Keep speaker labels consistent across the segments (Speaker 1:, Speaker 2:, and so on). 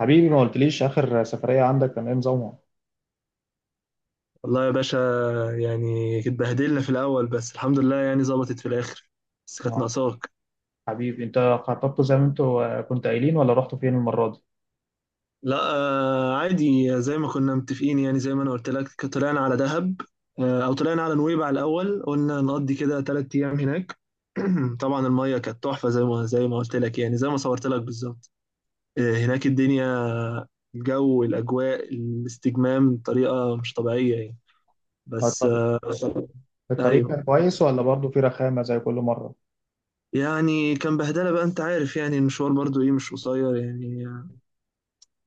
Speaker 1: حبيبي ما قلتليش آخر سفرية عندك كان إيه نظامها؟
Speaker 2: والله يا باشا، يعني اتبهدلنا في الأول بس الحمد لله يعني ظبطت في الآخر. بس كانت
Speaker 1: آه،
Speaker 2: ناقصاك.
Speaker 1: حبيبي أنت. خططتوا زي ما أنتوا كنتوا قايلين ولا رحتوا فين المرة دي؟
Speaker 2: لا آه عادي زي ما كنا متفقين، يعني زي ما أنا قلت لك طلعنا على دهب. آه أو طلعنا على نويبع الأول، قلنا نقضي كده تلات أيام هناك. طبعا المية كانت تحفة زي ما قلت لك، يعني زي ما صورت لك بالظبط. آه هناك الدنيا، الجو، الأجواء، الاستجمام بطريقة مش طبيعية يعني. بس
Speaker 1: الط-
Speaker 2: آه
Speaker 1: الطريق كان
Speaker 2: أيوه،
Speaker 1: كويس ولا برضه في رخامة زي كل مرة؟
Speaker 2: يعني كان بهدله بقى، انت عارف يعني المشوار برضو ايه مش قصير يعني.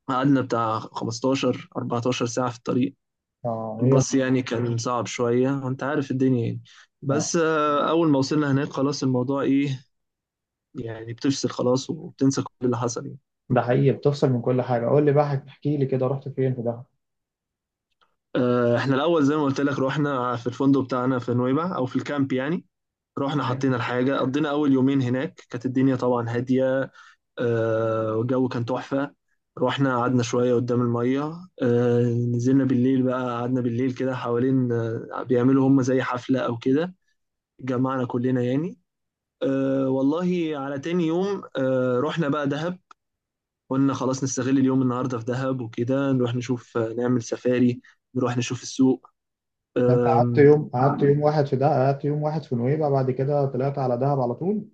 Speaker 2: قعدنا بتاع 15 14 ساعه في الطريق.
Speaker 1: آه، هي
Speaker 2: الباص
Speaker 1: مش.
Speaker 2: يعني كان صعب شويه، انت عارف الدنيا يعني.
Speaker 1: آه.
Speaker 2: بس اول ما وصلنا هناك خلاص الموضوع ايه، يعني بتفصل خلاص وبتنسى كل اللي حصل يعني.
Speaker 1: ده حقيقي، بتفصل من كل حاجة. قول لي بقى احكي لي كده، رحت فين في دهب؟
Speaker 2: احنا الاول زي ما قلت لك رحنا في الفندق بتاعنا في نويبع او في الكامب يعني. رحنا
Speaker 1: أيوة.
Speaker 2: حطينا الحاجه، قضينا اول يومين هناك، كانت الدنيا طبعا هاديه. والجو كان تحفة. رحنا قعدنا شوية قدام المية. نزلنا بالليل بقى، قعدنا بالليل كده حوالين، بيعملوا هم زي حفلة أو كده، جمعنا كلنا يعني. والله على تاني يوم رحنا بقى دهب. قلنا خلاص نستغل اليوم النهاردة في دهب وكده، نروح نشوف نعمل سفاري، نروح نشوف السوق.
Speaker 1: ده أنت قعدت يوم قعدت يوم واحد في دهب، قعدت يوم واحد في نويبع، بعد كده طلعت على دهب على طول؟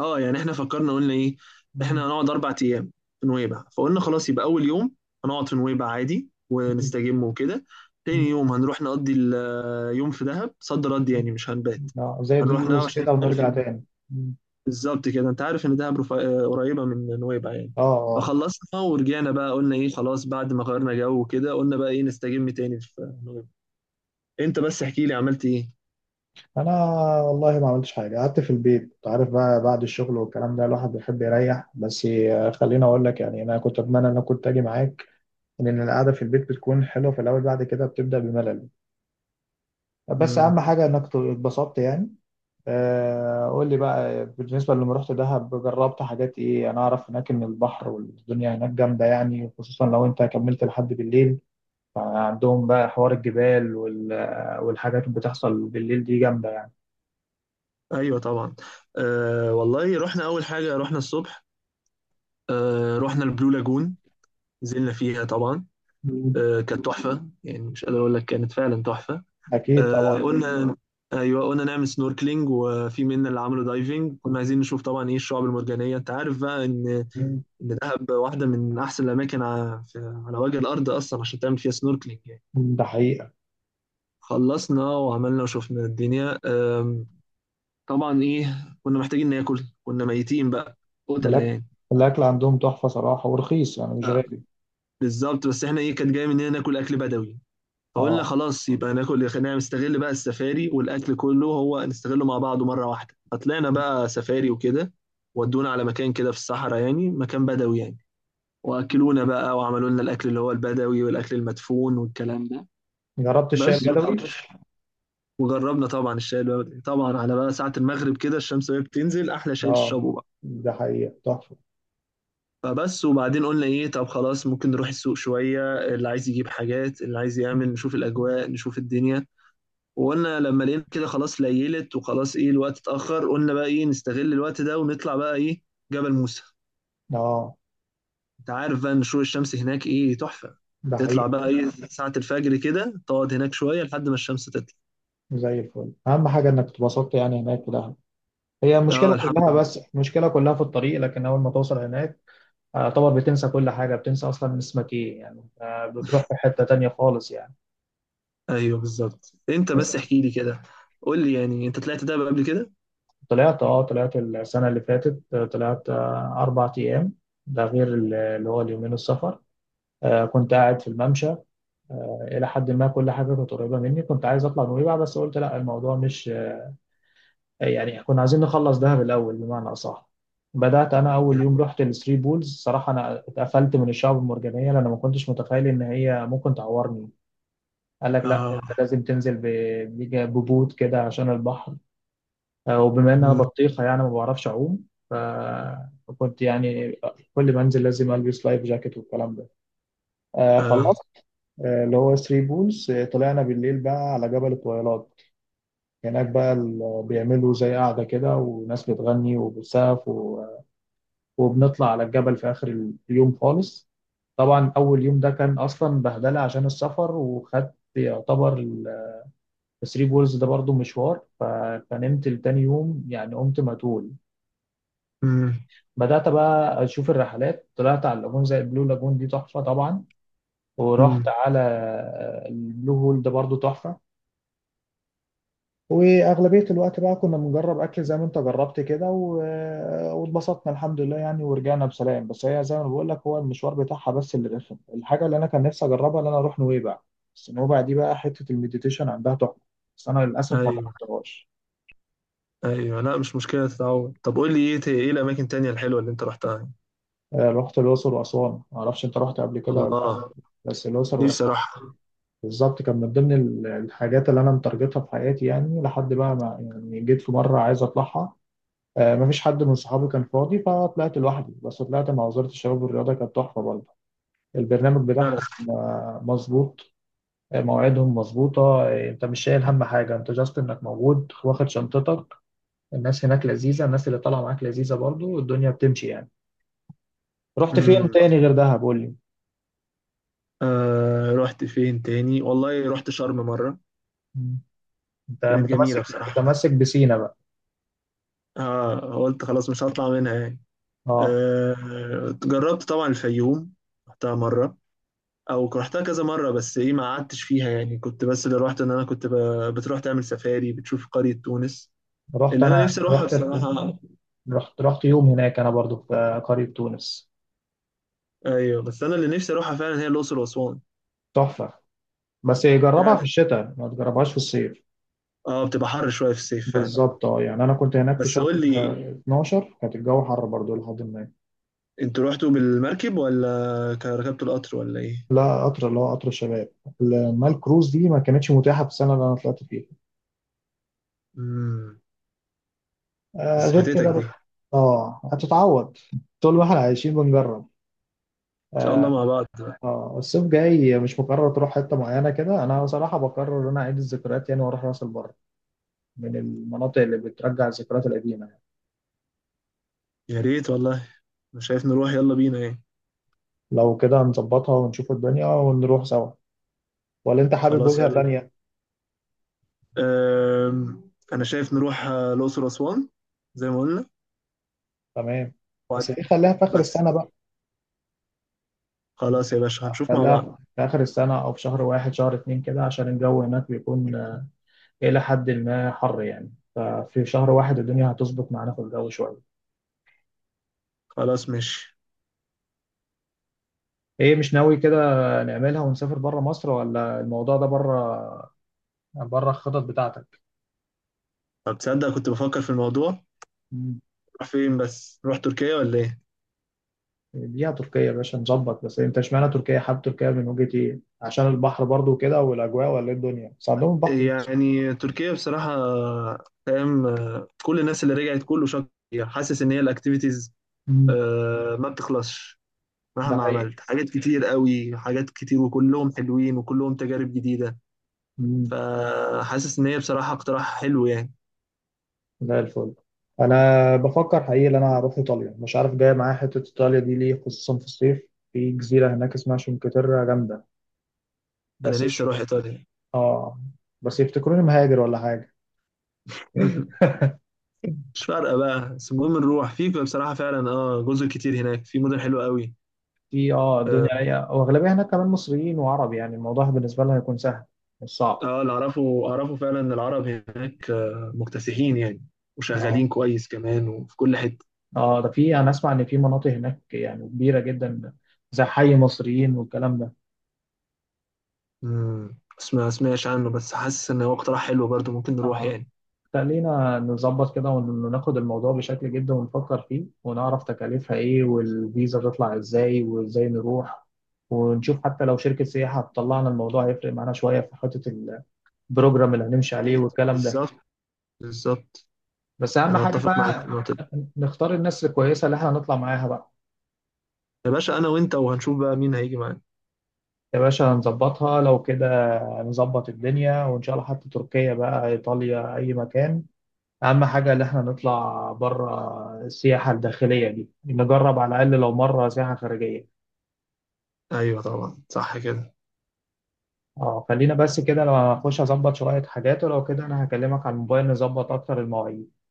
Speaker 2: اه يعني احنا فكرنا قلنا ايه،
Speaker 1: مم.
Speaker 2: احنا هنقعد اربع ايام في نويبع، فقلنا خلاص يبقى اول يوم هنقعد في نويبع عادي ونستجم وكده،
Speaker 1: مم.
Speaker 2: تاني يوم هنروح نقضي اليوم في دهب صد رد
Speaker 1: مم.
Speaker 2: يعني مش هنبات.
Speaker 1: آه، زي دي
Speaker 2: هنروح دهب
Speaker 1: يوز
Speaker 2: عشان
Speaker 1: كده
Speaker 2: تعرف
Speaker 1: ونرجع
Speaker 2: ان
Speaker 1: تاني. مم.
Speaker 2: بالظبط كده، انت عارف ان دهب آه، قريبه من نويبع يعني.
Speaker 1: آه،
Speaker 2: فخلصنا ورجعنا بقى، قلنا ايه خلاص بعد ما غيرنا جو كده قلنا بقى ايه نستجم تاني في نويبع. انت بس احكي لي عملت ايه.
Speaker 1: انا والله ما عملتش حاجه، قعدت في البيت. انت عارف بقى، بعد الشغل والكلام ده الواحد بيحب يريح. بس خليني اقول لك يعني انا كنت اتمنى ان انا كنت اجي معاك، لان القعده في البيت بتكون حلوه في الاول، بعد كده بتبدا بملل. بس
Speaker 2: مم.
Speaker 1: اهم حاجه انك اتبسطت يعني. قول لي بقى، بالنسبه لما رحت دهب، جربت حاجات ايه؟ انا اعرف هناك ان البحر والدنيا هناك جامده يعني، خصوصا لو انت كملت لحد بالليل. عندهم بقى حوار الجبال والحاجات اللي بتحصل بالليل دي جامده يعني.
Speaker 2: ايوه طبعا. آه والله رحنا اول حاجه، رحنا الصبح، رحنا البلو لاجون، نزلنا فيها طبعا.
Speaker 1: مم.
Speaker 2: كانت تحفة يعني، مش قادر أقول لك كانت فعلا تحفة.
Speaker 1: اكيد
Speaker 2: آه،
Speaker 1: طبعا.
Speaker 2: قلنا، أيوه قلنا نعمل سنوركلينج، وفي منا اللي عملوا دايفنج، كنا عايزين نشوف طبعا إيه الشعاب المرجانية. أنت عارف بقى إن إن دهب واحدة من أحسن الأماكن على وجه الأرض أصلا عشان تعمل فيها سنوركلينج يعني.
Speaker 1: ده حقيقة.
Speaker 2: خلصنا وعملنا وشفنا الدنيا. طبعا إيه كنا محتاجين ناكل، كنا ميتين بقى قتلة
Speaker 1: الأكل
Speaker 2: يعني.
Speaker 1: الأكل عندهم تحفة صراحة ورخيص يعني مش
Speaker 2: آه،
Speaker 1: غالي.
Speaker 2: بالظبط، بس إحنا إيه كانت جاية مننا ناكل أكل بدوي. فقلنا
Speaker 1: اه،
Speaker 2: خلاص يبقى ناكل، خلينا نستغل بقى السفاري والاكل كله هو نستغله مع بعضه مره واحده. فطلعنا بقى سفاري وكده، ودونا على مكان كده في الصحراء يعني، مكان بدوي يعني. واكلونا بقى وعملوا لنا الاكل اللي هو البدوي والاكل المدفون والكلام ده.
Speaker 1: جربت الشاي
Speaker 2: بس
Speaker 1: البدوي.
Speaker 2: وحرش. وجربنا طبعا الشاي البدوي طبعا على بقى ساعه المغرب كده، الشمس وهي بتنزل، احلى شاي
Speaker 1: اه،
Speaker 2: تشربه بقى.
Speaker 1: ده حقيقة تحفة.
Speaker 2: فبس، وبعدين قلنا ايه، طب خلاص ممكن نروح السوق شويه، اللي عايز يجيب حاجات، اللي عايز يعمل، نشوف الاجواء، نشوف الدنيا. وقلنا لما لقينا كده خلاص ليلت وخلاص ايه الوقت اتأخر، قلنا بقى ايه نستغل الوقت ده ونطلع بقى ايه جبل موسى.
Speaker 1: اه،
Speaker 2: انت عارف بقى ان شروق الشمس هناك ايه تحفة.
Speaker 1: ده
Speaker 2: تطلع
Speaker 1: حقيقي.
Speaker 2: بقى ايه ساعة الفجر كده، تقعد هناك شوية لحد ما الشمس تطلع.
Speaker 1: زي الفل، أهم حاجة إنك اتبسطت يعني هناك في دهب. هي
Speaker 2: اه
Speaker 1: المشكلة
Speaker 2: الحمد
Speaker 1: كلها
Speaker 2: لله.
Speaker 1: بس المشكلة كلها في الطريق، لكن أول ما توصل هناك اعتبر بتنسى كل حاجة، بتنسى أصلا اسمك إيه يعني. بتروح في حتة تانية خالص يعني.
Speaker 2: ايوه بالظبط. انت
Speaker 1: بس
Speaker 2: بس احكي لي كده، قول لي يعني انت طلعت دهب قبل كده.
Speaker 1: طلعت، السنة اللي فاتت، طلعت أربع أيام. ده غير اللي هو اليومين السفر. كنت قاعد في الممشى، الى حد ما كل حاجه كانت قريبه مني. كنت عايز اطلع نويبع، بس قلت لا، الموضوع مش يعني كنا عايزين نخلص دهب الاول بمعنى اصح. بدات انا اول يوم رحت الثري بولز، صراحه انا اتقفلت من الشعب المرجانيه لان ما كنتش متخيل ان هي ممكن تعورني. قال لك لا
Speaker 2: اه.
Speaker 1: انت لازم تنزل ببوت كده عشان البحر. وبما ان انا
Speaker 2: مم.
Speaker 1: بطيخه يعني ما بعرفش اعوم، ف- فكنت يعني كل ما انزل لازم البس لايف جاكيت والكلام ده.
Speaker 2: اه.
Speaker 1: خلصت، اللي هو ثري بولز. طلعنا بالليل بقى على جبل الطويلات. هناك بقى بيعملوا زي قاعدة كده، وناس بتغني وبتسقف وبنطلع على الجبل في آخر اليوم خالص. طبعا أول يوم ده كان أصلا بهدلة عشان السفر، وخدت يعتبر الثري بولز ده برضو مشوار، فنمت لتاني يوم يعني. قمت متول،
Speaker 2: مم.
Speaker 1: بدأت بقى أشوف الرحلات. طلعت على اللاجون زي البلو لاجون، دي تحفة طبعا. ورحت
Speaker 2: مم.
Speaker 1: على البلو هول، ده برضو تحفة. واغلبيه الوقت بقى كنا بنجرب اكل زي ما انت جربت كده، واتبسطنا الحمد لله يعني، ورجعنا بسلام. بس هي زي ما بقول لك، هو المشوار بتاعها بس اللي رخم. الحاجه اللي انا كان نفسي اجربها ان انا اروح نويبع، بس نويبع دي بقى حته المديتيشن عندها تحفه، بس انا للاسف ما
Speaker 2: ايوه
Speaker 1: جربتهاش.
Speaker 2: ايوه لا مش مشكلة تتعود. طب قول لي ايه ايه الاماكن التانية الحلوة اللي انت رحتها.
Speaker 1: رحت الاقصر واسوان. ما اعرفش انت رحت قبل كده ولا لا؟
Speaker 2: الله.
Speaker 1: بس الاقصر
Speaker 2: نفسي
Speaker 1: واسوان
Speaker 2: اروحها
Speaker 1: بالظبط كان من ضمن الحاجات اللي انا مترجتها في حياتي يعني، لحد بقى ما يعني جيت في مره عايز اطلعها. مفيش حد من صحابي كان فاضي، فطلعت لوحدي، بس طلعت مع وزارة الشباب والرياضة، كانت تحفة برضه البرنامج
Speaker 2: فعلا.
Speaker 1: بتاعهم. مظبوط. مواعيدهم مظبوطة. انت مش شايل هم حاجة، انت جاست انك موجود واخد شنطتك. الناس هناك لذيذة، الناس اللي طالعة معاك لذيذة، برضه الدنيا بتمشي يعني. رحت فين
Speaker 2: مم.
Speaker 1: تاني غير دهب قول لي؟
Speaker 2: آه رحت فين تاني؟ والله رحت شرم مرة،
Speaker 1: مم. انت
Speaker 2: كانت جميلة
Speaker 1: متمسك
Speaker 2: بصراحة.
Speaker 1: متمسك بسينا بقى.
Speaker 2: آه، قلت خلاص مش هطلع منها يعني.
Speaker 1: اه،
Speaker 2: آه، جربت طبعا الفيوم، رحتها مرة، أو رحتها كذا مرة، بس إيه ما قعدتش فيها يعني، كنت بس اللي رحت إن أنا كنت بتروح تعمل سفاري، بتشوف قرية تونس،
Speaker 1: رحت
Speaker 2: اللي أنا
Speaker 1: انا
Speaker 2: نفسي أروحها
Speaker 1: رحت
Speaker 2: بصراحة.
Speaker 1: رحت يوم هناك، انا برضه في قرية تونس.
Speaker 2: أيوه بس أنا اللي نفسي أروحها فعلا هي الأقصر وأسوان.
Speaker 1: تحفة. بس جربها في
Speaker 2: فعلا.
Speaker 1: الشتاء ما تجربهاش في الصيف.
Speaker 2: أه بتبقى حر شوية في الصيف فعلا.
Speaker 1: بالظبط. اه يعني انا كنت هناك في
Speaker 2: بس
Speaker 1: شهر
Speaker 2: قول لي،
Speaker 1: 12، كانت الجو حر برضو لحد ما.
Speaker 2: أنتوا رحتوا بالمركب ولا ركبتوا القطر ولا إيه؟
Speaker 1: لا، قطر، اللي هو قطر الشباب، لما الكروز دي ما كانتش متاحه في السنه اللي انا طلعت فيها.
Speaker 2: مم.
Speaker 1: آه،
Speaker 2: بس
Speaker 1: غير
Speaker 2: فاتتك
Speaker 1: كده
Speaker 2: دي. ان
Speaker 1: بقى. اه، هتتعوض، طول ما احنا عايشين بنجرب.
Speaker 2: شاء الله
Speaker 1: اه.
Speaker 2: مع بعض بقى.
Speaker 1: الصيف جاي مش مقرر تروح حته معينه كده؟ انا صراحه بقرر ان انا اعيد الذكريات يعني، واروح راس البر، من المناطق اللي بترجع الذكريات القديمه يعني.
Speaker 2: يا ريت والله. انا شايف نروح، يلا بينا ايه.
Speaker 1: لو كده نظبطها ونشوف الدنيا ونروح سوا، ولا انت حابب
Speaker 2: خلاص
Speaker 1: وجهه
Speaker 2: يلا بينا.
Speaker 1: تانيه؟
Speaker 2: انا شايف نروح الاقصر واسوان زي ما قلنا.
Speaker 1: تمام. بس دي
Speaker 2: وبعد،
Speaker 1: خليها في اخر
Speaker 2: بس،
Speaker 1: السنه بقى.
Speaker 2: خلاص يا باشا هنشوف مع بعض.
Speaker 1: خليها في آخر السنة أو في شهر واحد شهر اتنين كده، عشان الجو هناك بيكون إلى حد ما حر يعني، ففي شهر واحد الدنيا هتظبط معانا في الجو شوية.
Speaker 2: خلاص ماشي.
Speaker 1: إيه، مش ناوي كده نعملها ونسافر بره مصر؟ ولا الموضوع ده بره الخطط بتاعتك؟
Speaker 2: طب تصدق كنت بفكر في الموضوع،
Speaker 1: مم.
Speaker 2: نروح فين؟ بس نروح تركيا ولا ايه.
Speaker 1: دي تركيا يا باشا نظبط، بس أنت اشمعنى تركيا؟ حابب تركيا من وجهة إيه؟ عشان البحر برضو كده والأجواء، ولا إيه الدنيا؟ بس عندهم البحر.
Speaker 2: يعني تركيا بصراحة فاهم كل الناس اللي رجعت كله شكر. حاسس ان هي الاكتيفيتيز
Speaker 1: مم.
Speaker 2: ما بتخلصش، مهما
Speaker 1: ده
Speaker 2: عملت حاجات كتير قوي، حاجات كتير وكلهم حلوين وكلهم تجارب جديدة.
Speaker 1: حقيقي.
Speaker 2: فحاسس ان هي بصراحة اقتراح حلو يعني.
Speaker 1: زي الفل. انا بفكر حقيقي ان انا اروح ايطاليا، مش عارف جاي معايا حته ايطاليا دي ليه، خصوصا في الصيف في جزيره هناك اسمها شنكتيرا جامده.
Speaker 2: انا
Speaker 1: بس
Speaker 2: نفسي
Speaker 1: يش...
Speaker 2: اروح ايطاليا.
Speaker 1: اه بس يفتكروني مهاجر ولا حاجه.
Speaker 2: مش فارقة بقى، بس المهم نروح. في بصراحة فعلا اه جزر كتير هناك، في مدن حلوة قوي.
Speaker 1: في،
Speaker 2: اه
Speaker 1: الدنيا هي، واغلبيه هناك كمان مصريين وعرب، يعني الموضوع بالنسبه لهم هيكون سهل، مش صعب.
Speaker 2: اللي اعرفه اعرفه فعلا ان العرب هناك مكتسحين يعني، وشغالين
Speaker 1: اه.
Speaker 2: كويس كمان وفي كل حتة.
Speaker 1: اه، ده في، انا اسمع ان في مناطق هناك يعني كبيره جدا، زي حي مصريين والكلام ده.
Speaker 2: بس ما سمعش عنه، بس حاسس ان هو اقتراح حلو برضو، ممكن نروح
Speaker 1: اه،
Speaker 2: يعني.
Speaker 1: خلينا نظبط كده وناخد الموضوع بشكل جدا ونفكر فيه، ونعرف تكاليفها ايه والفيزا تطلع ازاي وازاي نروح، ونشوف حتى لو شركة سياحة هتطلعنا الموضوع هيفرق معانا شوية في حتة البروجرام اللي هنمشي
Speaker 2: يا
Speaker 1: عليه
Speaker 2: ريت
Speaker 1: والكلام ده.
Speaker 2: بالظبط. بالظبط،
Speaker 1: بس أهم
Speaker 2: انا
Speaker 1: حاجة
Speaker 2: اتفق معاك في
Speaker 1: بقى
Speaker 2: النقطة دي.
Speaker 1: نختار الناس الكويسة اللي احنا هنطلع معاها بقى.
Speaker 2: يا باشا انا وانت، وهنشوف بقى مين هيجي معانا.
Speaker 1: يا باشا هنظبطها لو كده، هنظبط الدنيا، وإن شاء الله حتى تركيا بقى، إيطاليا، أي مكان. أهم حاجة إن إحنا نطلع بره السياحة الداخلية دي، نجرب على الأقل لو مرة سياحة خارجية.
Speaker 2: ايوه طبعا صح كده.
Speaker 1: أه، خلينا بس كده، لو هنخش أظبط شوية حاجات ولو كده أنا هكلمك على الموبايل نظبط أكتر المواعيد.